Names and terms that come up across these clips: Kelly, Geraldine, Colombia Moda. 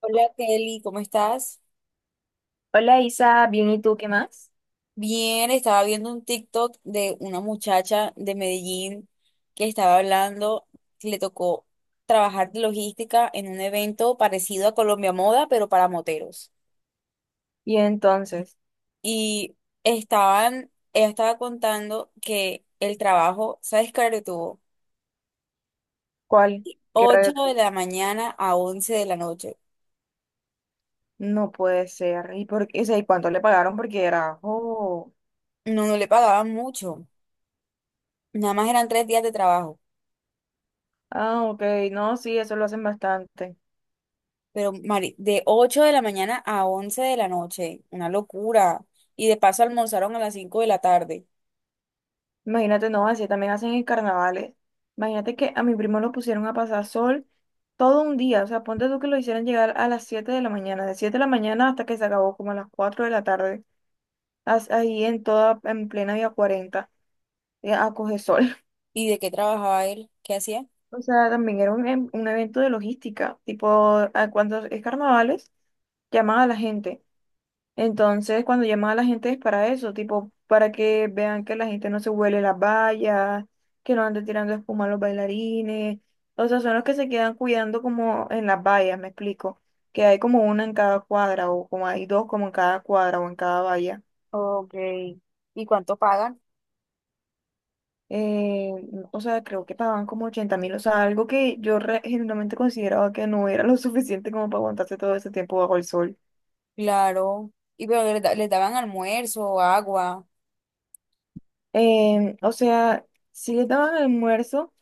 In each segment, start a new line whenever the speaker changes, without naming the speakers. Hola Kelly, ¿cómo estás?
Hola Isa, bien, ¿y tú qué más?
Bien, estaba viendo un TikTok de una muchacha de Medellín que estaba hablando, que le tocó trabajar de logística en un evento parecido a Colombia Moda, pero para moteros.
Y entonces,
Y estaban, ella estaba contando que el trabajo, ¿sabes qué hora tuvo?
¿cuál? ¿Qué
8
reto?
de la mañana a 11 de la noche.
No puede ser. ¿Y por qué? O sea, ¿y cuánto le pagaron? Porque era, oh,
No, no le pagaban mucho, nada más eran 3 días de trabajo.
ah, ok, no, sí, eso lo hacen bastante.
Pero, Mari, de 8 de la mañana a 11 de la noche, una locura. Y de paso almorzaron a las 5 de la tarde.
Imagínate, no, así también hacen en carnavales. Imagínate que a mi primo lo pusieron a pasar sol todo un día. O sea, ponte tú que lo hicieran llegar a las 7 de la mañana, de 7 de la mañana hasta que se acabó como a las 4 de la tarde, ahí en toda, en plena Vía 40, a coger sol.
¿Y de qué trabajaba él? ¿Qué hacía?
O sea, también era un evento de logística, tipo, cuando es carnavales, llaman a la gente. Entonces, cuando llaman a la gente es para eso, tipo, para que vean que la gente no se huele las vallas, que no ande tirando espuma a los bailarines. O sea, son los que se quedan cuidando como en las vallas, me explico. Que hay como una en cada cuadra, o como hay dos como en cada cuadra o en cada valla.
Ok. ¿Y cuánto pagan?
eh, o sea, creo que pagaban como 80.000, o sea, algo que yo genuinamente consideraba que no era lo suficiente como para aguantarse todo ese tiempo bajo el sol.
Claro. Y pero les, les daban almuerzo, agua.
O sea, sí les daban almuerzo,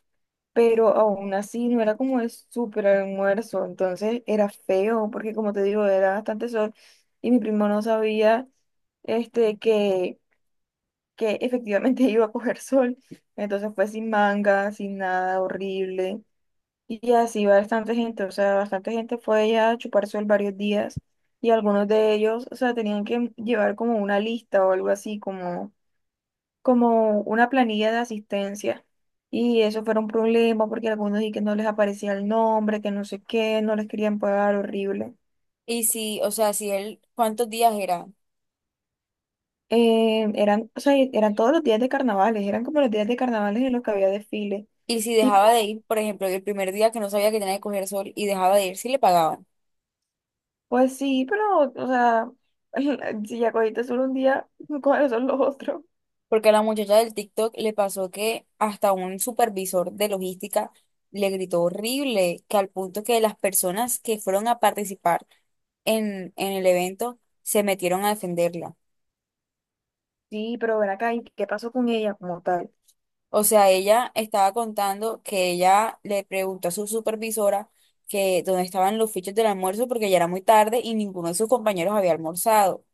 pero aún así no era como el súper almuerzo, entonces era feo, porque como te digo, era bastante sol y mi primo no sabía este, que efectivamente iba a coger sol, entonces fue sin manga, sin nada, horrible. Y así bastante gente, o sea, bastante gente fue allá a chupar sol varios días y algunos de ellos, o sea, tenían que llevar como una lista o algo así, como, como una planilla de asistencia. Y eso fue un problema porque algunos y que no les aparecía el nombre, que no sé qué, no les querían pagar, horrible.
Y si, o sea, si él, ¿cuántos días era?
Eran, o sea, eran todos los días de carnavales, eran como los días de carnavales en los que había desfile.
Y si
Tipo,
dejaba de ir, por ejemplo, el primer día que no sabía que tenía que coger sol y dejaba de ir, sí le pagaban.
pues sí, pero, o sea, si ya cogiste solo un día, ¿cuáles son los otros?
Porque a la muchacha del TikTok le pasó que hasta un supervisor de logística le gritó horrible, que al punto que las personas que fueron a participar en el evento se metieron a defenderla.
Sí, pero ven acá, ¿y qué pasó con ella como tal?
O sea, ella estaba contando que ella le preguntó a su supervisora que dónde estaban los fichos del almuerzo porque ya era muy tarde y ninguno de sus compañeros había almorzado.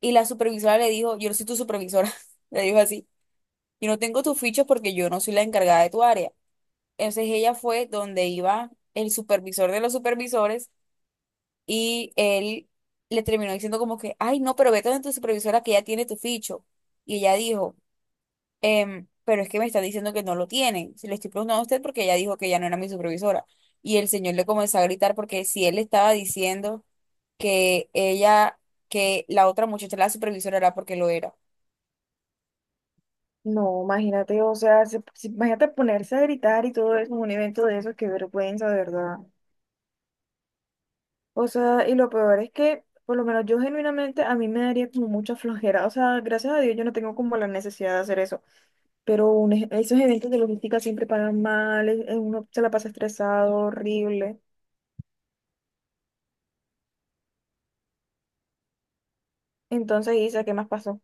Y la supervisora le dijo, yo no soy tu supervisora, le dijo así, yo no tengo tus fichos porque yo no soy la encargada de tu área. Entonces ella fue donde iba el supervisor de los supervisores y él le terminó diciendo como que, ay, no, pero vete donde tu supervisora que ya tiene tu ficho. Y ella dijo, "Em, pero es que me está diciendo que no lo tiene. Se le estoy preguntando a usted porque ella dijo que ya no era mi supervisora. Y el señor le comenzó a gritar porque si él le estaba diciendo que ella, que la otra muchacha, la supervisora, era porque lo era.
No, imagínate, o sea, imagínate ponerse a gritar y todo eso en un evento de esos, qué vergüenza, de verdad. O sea, y lo peor es que, por lo menos yo genuinamente, a mí me daría como mucha flojera. O sea, gracias a Dios yo no tengo como la necesidad de hacer eso. Pero esos eventos de logística siempre pagan mal, uno se la pasa estresado, horrible. Entonces, Isa, ¿qué más pasó?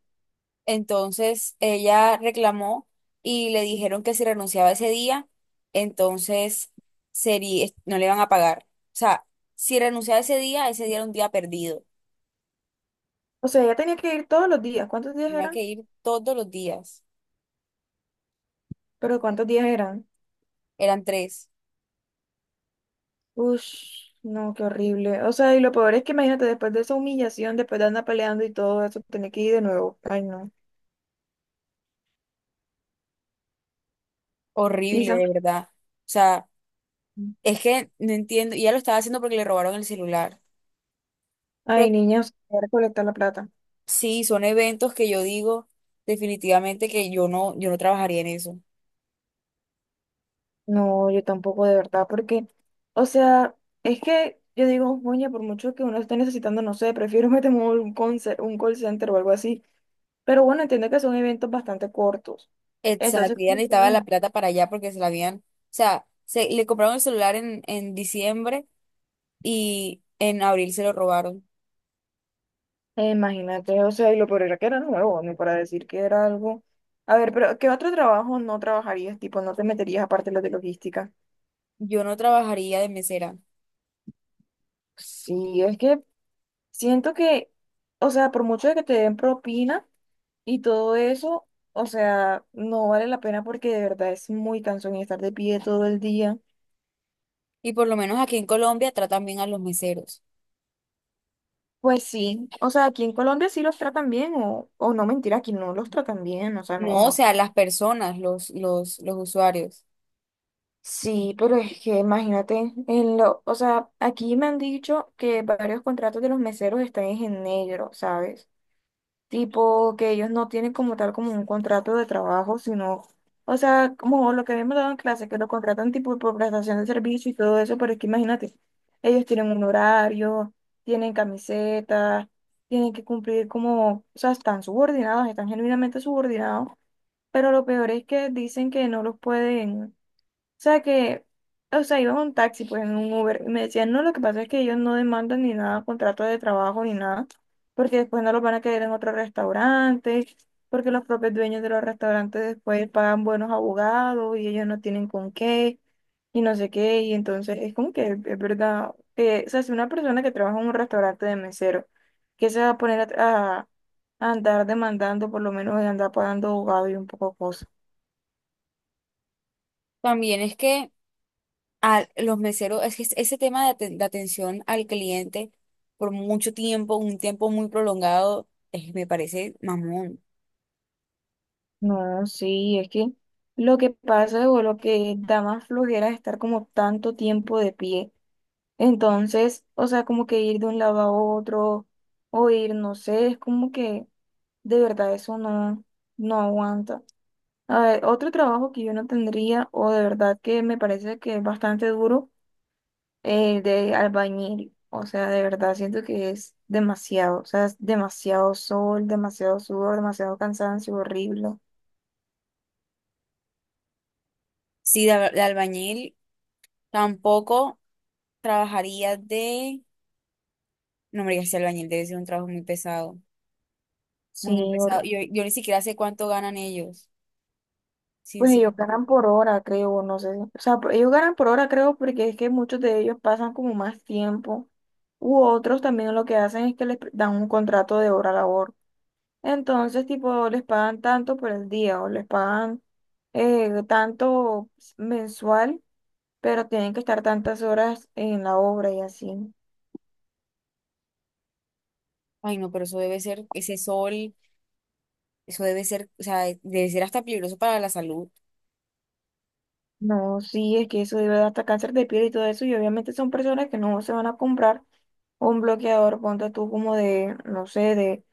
Entonces ella reclamó y le dijeron que si renunciaba ese día, entonces sería, no le iban a pagar. O sea, si renunciaba ese día era un día perdido.
O sea, ella tenía que ir todos los días. ¿Cuántos días
Tenía
eran?
que ir todos los días.
Pero ¿cuántos días eran?
Eran tres.
Ush, no, qué horrible. O sea, y lo peor es que imagínate, después de esa humillación, después de andar peleando y todo eso, tener que ir de nuevo. Ay, no.
Horrible,
Isa.
de verdad. O sea, es que no entiendo. Y ella lo estaba haciendo porque le robaron el celular.
Ay,
Pero
niños, voy a recolectar la plata.
sí, son eventos que yo digo definitivamente que yo no, yo no trabajaría en eso.
No, yo tampoco, de verdad, porque, o sea, es que yo digo, oye, por mucho que uno esté necesitando, no sé, prefiero meterme a un call center o algo así. Pero bueno, entiendo que son eventos bastante cortos.
Exacto,
Entonces,
ya necesitaba la plata para allá porque se la habían, o sea, se, le compraron el celular en diciembre y en abril se lo robaron.
Imagínate, o sea, y lo peor era que era nuevo, ni para decir que era algo. A ver, pero ¿qué otro trabajo no trabajarías? Tipo, no te meterías aparte de los de logística.
Yo no trabajaría de mesera.
Sí, es que siento que, o sea, por mucho de que te den propina y todo eso, o sea, no vale la pena porque de verdad es muy cansón y estar de pie todo el día.
Y por lo menos aquí en Colombia tratan bien a los meseros.
Pues sí, o sea, aquí en Colombia sí los tratan bien, o no mentira, aquí no los tratan bien, o sea, no,
No, o
no.
sea, las personas, los usuarios.
Sí, pero es que imagínate, o sea, aquí me han dicho que varios contratos de los meseros están en negro, ¿sabes? Tipo que ellos no tienen como tal como un contrato de trabajo, sino, o sea, como lo que habíamos dado en clase, que lo contratan tipo por prestación de servicio y todo eso, pero es que imagínate, ellos tienen un horario, tienen camisetas, tienen que cumplir como, o sea, están subordinados, están genuinamente subordinados, pero lo peor es que dicen que no los pueden sea que, o sea, iba en un taxi, pues en un Uber, y me decían, no, lo que pasa es que ellos no demandan ni nada, contrato de trabajo ni nada, porque después no los van a querer en otro restaurante, porque los propios dueños de los restaurantes después pagan buenos abogados y ellos no tienen con qué, y no sé qué, y entonces es como que es verdad, que, o sea, si una persona que trabaja en un restaurante de mesero, que se va a poner a andar demandando, por lo menos de andar pagando abogado y un poco cosas.
También es que a los meseros, es que ese tema de, de atención al cliente por mucho tiempo, un tiempo muy prolongado, me parece mamón.
No, sí, es que lo que pasa o lo que da más flojera es estar como tanto tiempo de pie. Entonces, o sea, como que ir de un lado a otro o ir, no sé, es como que de verdad eso no, no aguanta. A ver, otro trabajo que yo no tendría o de verdad que me parece que es bastante duro, el de albañil. O sea, de verdad siento que es demasiado, o sea, es demasiado sol, demasiado sudor, demasiado cansancio, horrible.
Sí, de, de albañil tampoco. Trabajaría de... No, hombre, ya sea albañil debe ser un trabajo muy pesado.
Sí.
Muy, muy pesado. Yo ni siquiera sé cuánto ganan ellos,
Pues ellos ganan
sinceramente.
por hora, creo, no sé. O sea, ellos ganan por hora, creo, porque es que muchos de ellos pasan como más tiempo. U otros también lo que hacen es que les dan un contrato de hora labor. Entonces, tipo, les pagan tanto por el día o les pagan tanto mensual, pero tienen que estar tantas horas en la obra y así.
Ay, no, pero eso debe ser, ese sol, eso debe ser, o sea, debe ser hasta peligroso para la salud.
No, sí, es que eso debe dar hasta cáncer de piel y todo eso, y obviamente son personas que no se van a comprar un bloqueador, ponte tú como de, no sé, de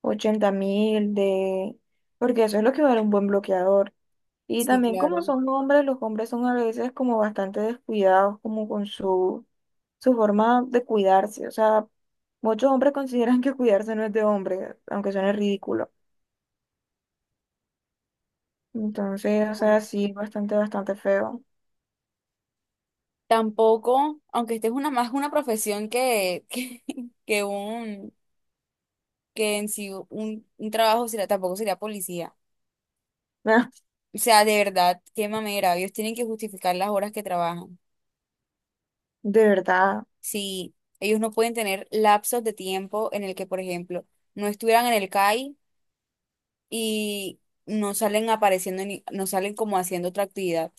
80.000 de. Porque eso es lo que vale un buen bloqueador. Y
Sí,
también como
claro.
son hombres, los hombres son a veces como bastante descuidados, como con su forma de cuidarse. O sea, muchos hombres consideran que cuidarse no es de hombre, aunque suene ridículo. Entonces, o sea, sí, bastante, bastante feo.
Tampoco, aunque esta es una más una profesión que, que un, que en sí un trabajo sería tampoco sería policía. O sea, de verdad, qué mamera. Ellos tienen que justificar las horas que trabajan.
De verdad.
Si ellos no pueden tener lapsos de tiempo en el que, por ejemplo, no estuvieran en el CAI y no salen apareciendo, ni, no salen como haciendo otra actividad.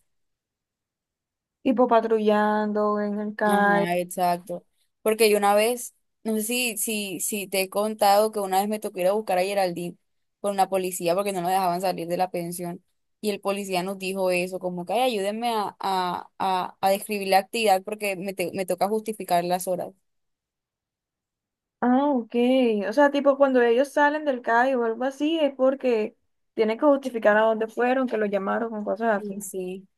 Tipo patrullando en el calle.
Ajá, exacto. Porque yo una vez, no sé si te he contado que una vez me tocó ir a buscar a Geraldine con la policía porque no nos dejaban salir de la pensión. Y el policía nos dijo eso, como que "Ay, ayúdenme a describir la actividad porque me, me toca justificar las horas.
Ah, ok. O sea, tipo cuando ellos salen del CAI o algo así, es porque tienen que justificar a dónde fueron, que los llamaron con cosas así.
Sí, sí.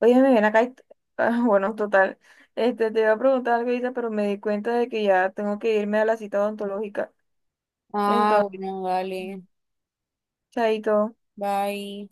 Oye, me ven acá y ah, bueno, total. Este, te iba a preguntar algo, Isa, pero me di cuenta de que ya tengo que irme a la cita odontológica.
Ah,
Entonces,
bueno, dale.
chaito.
Bye.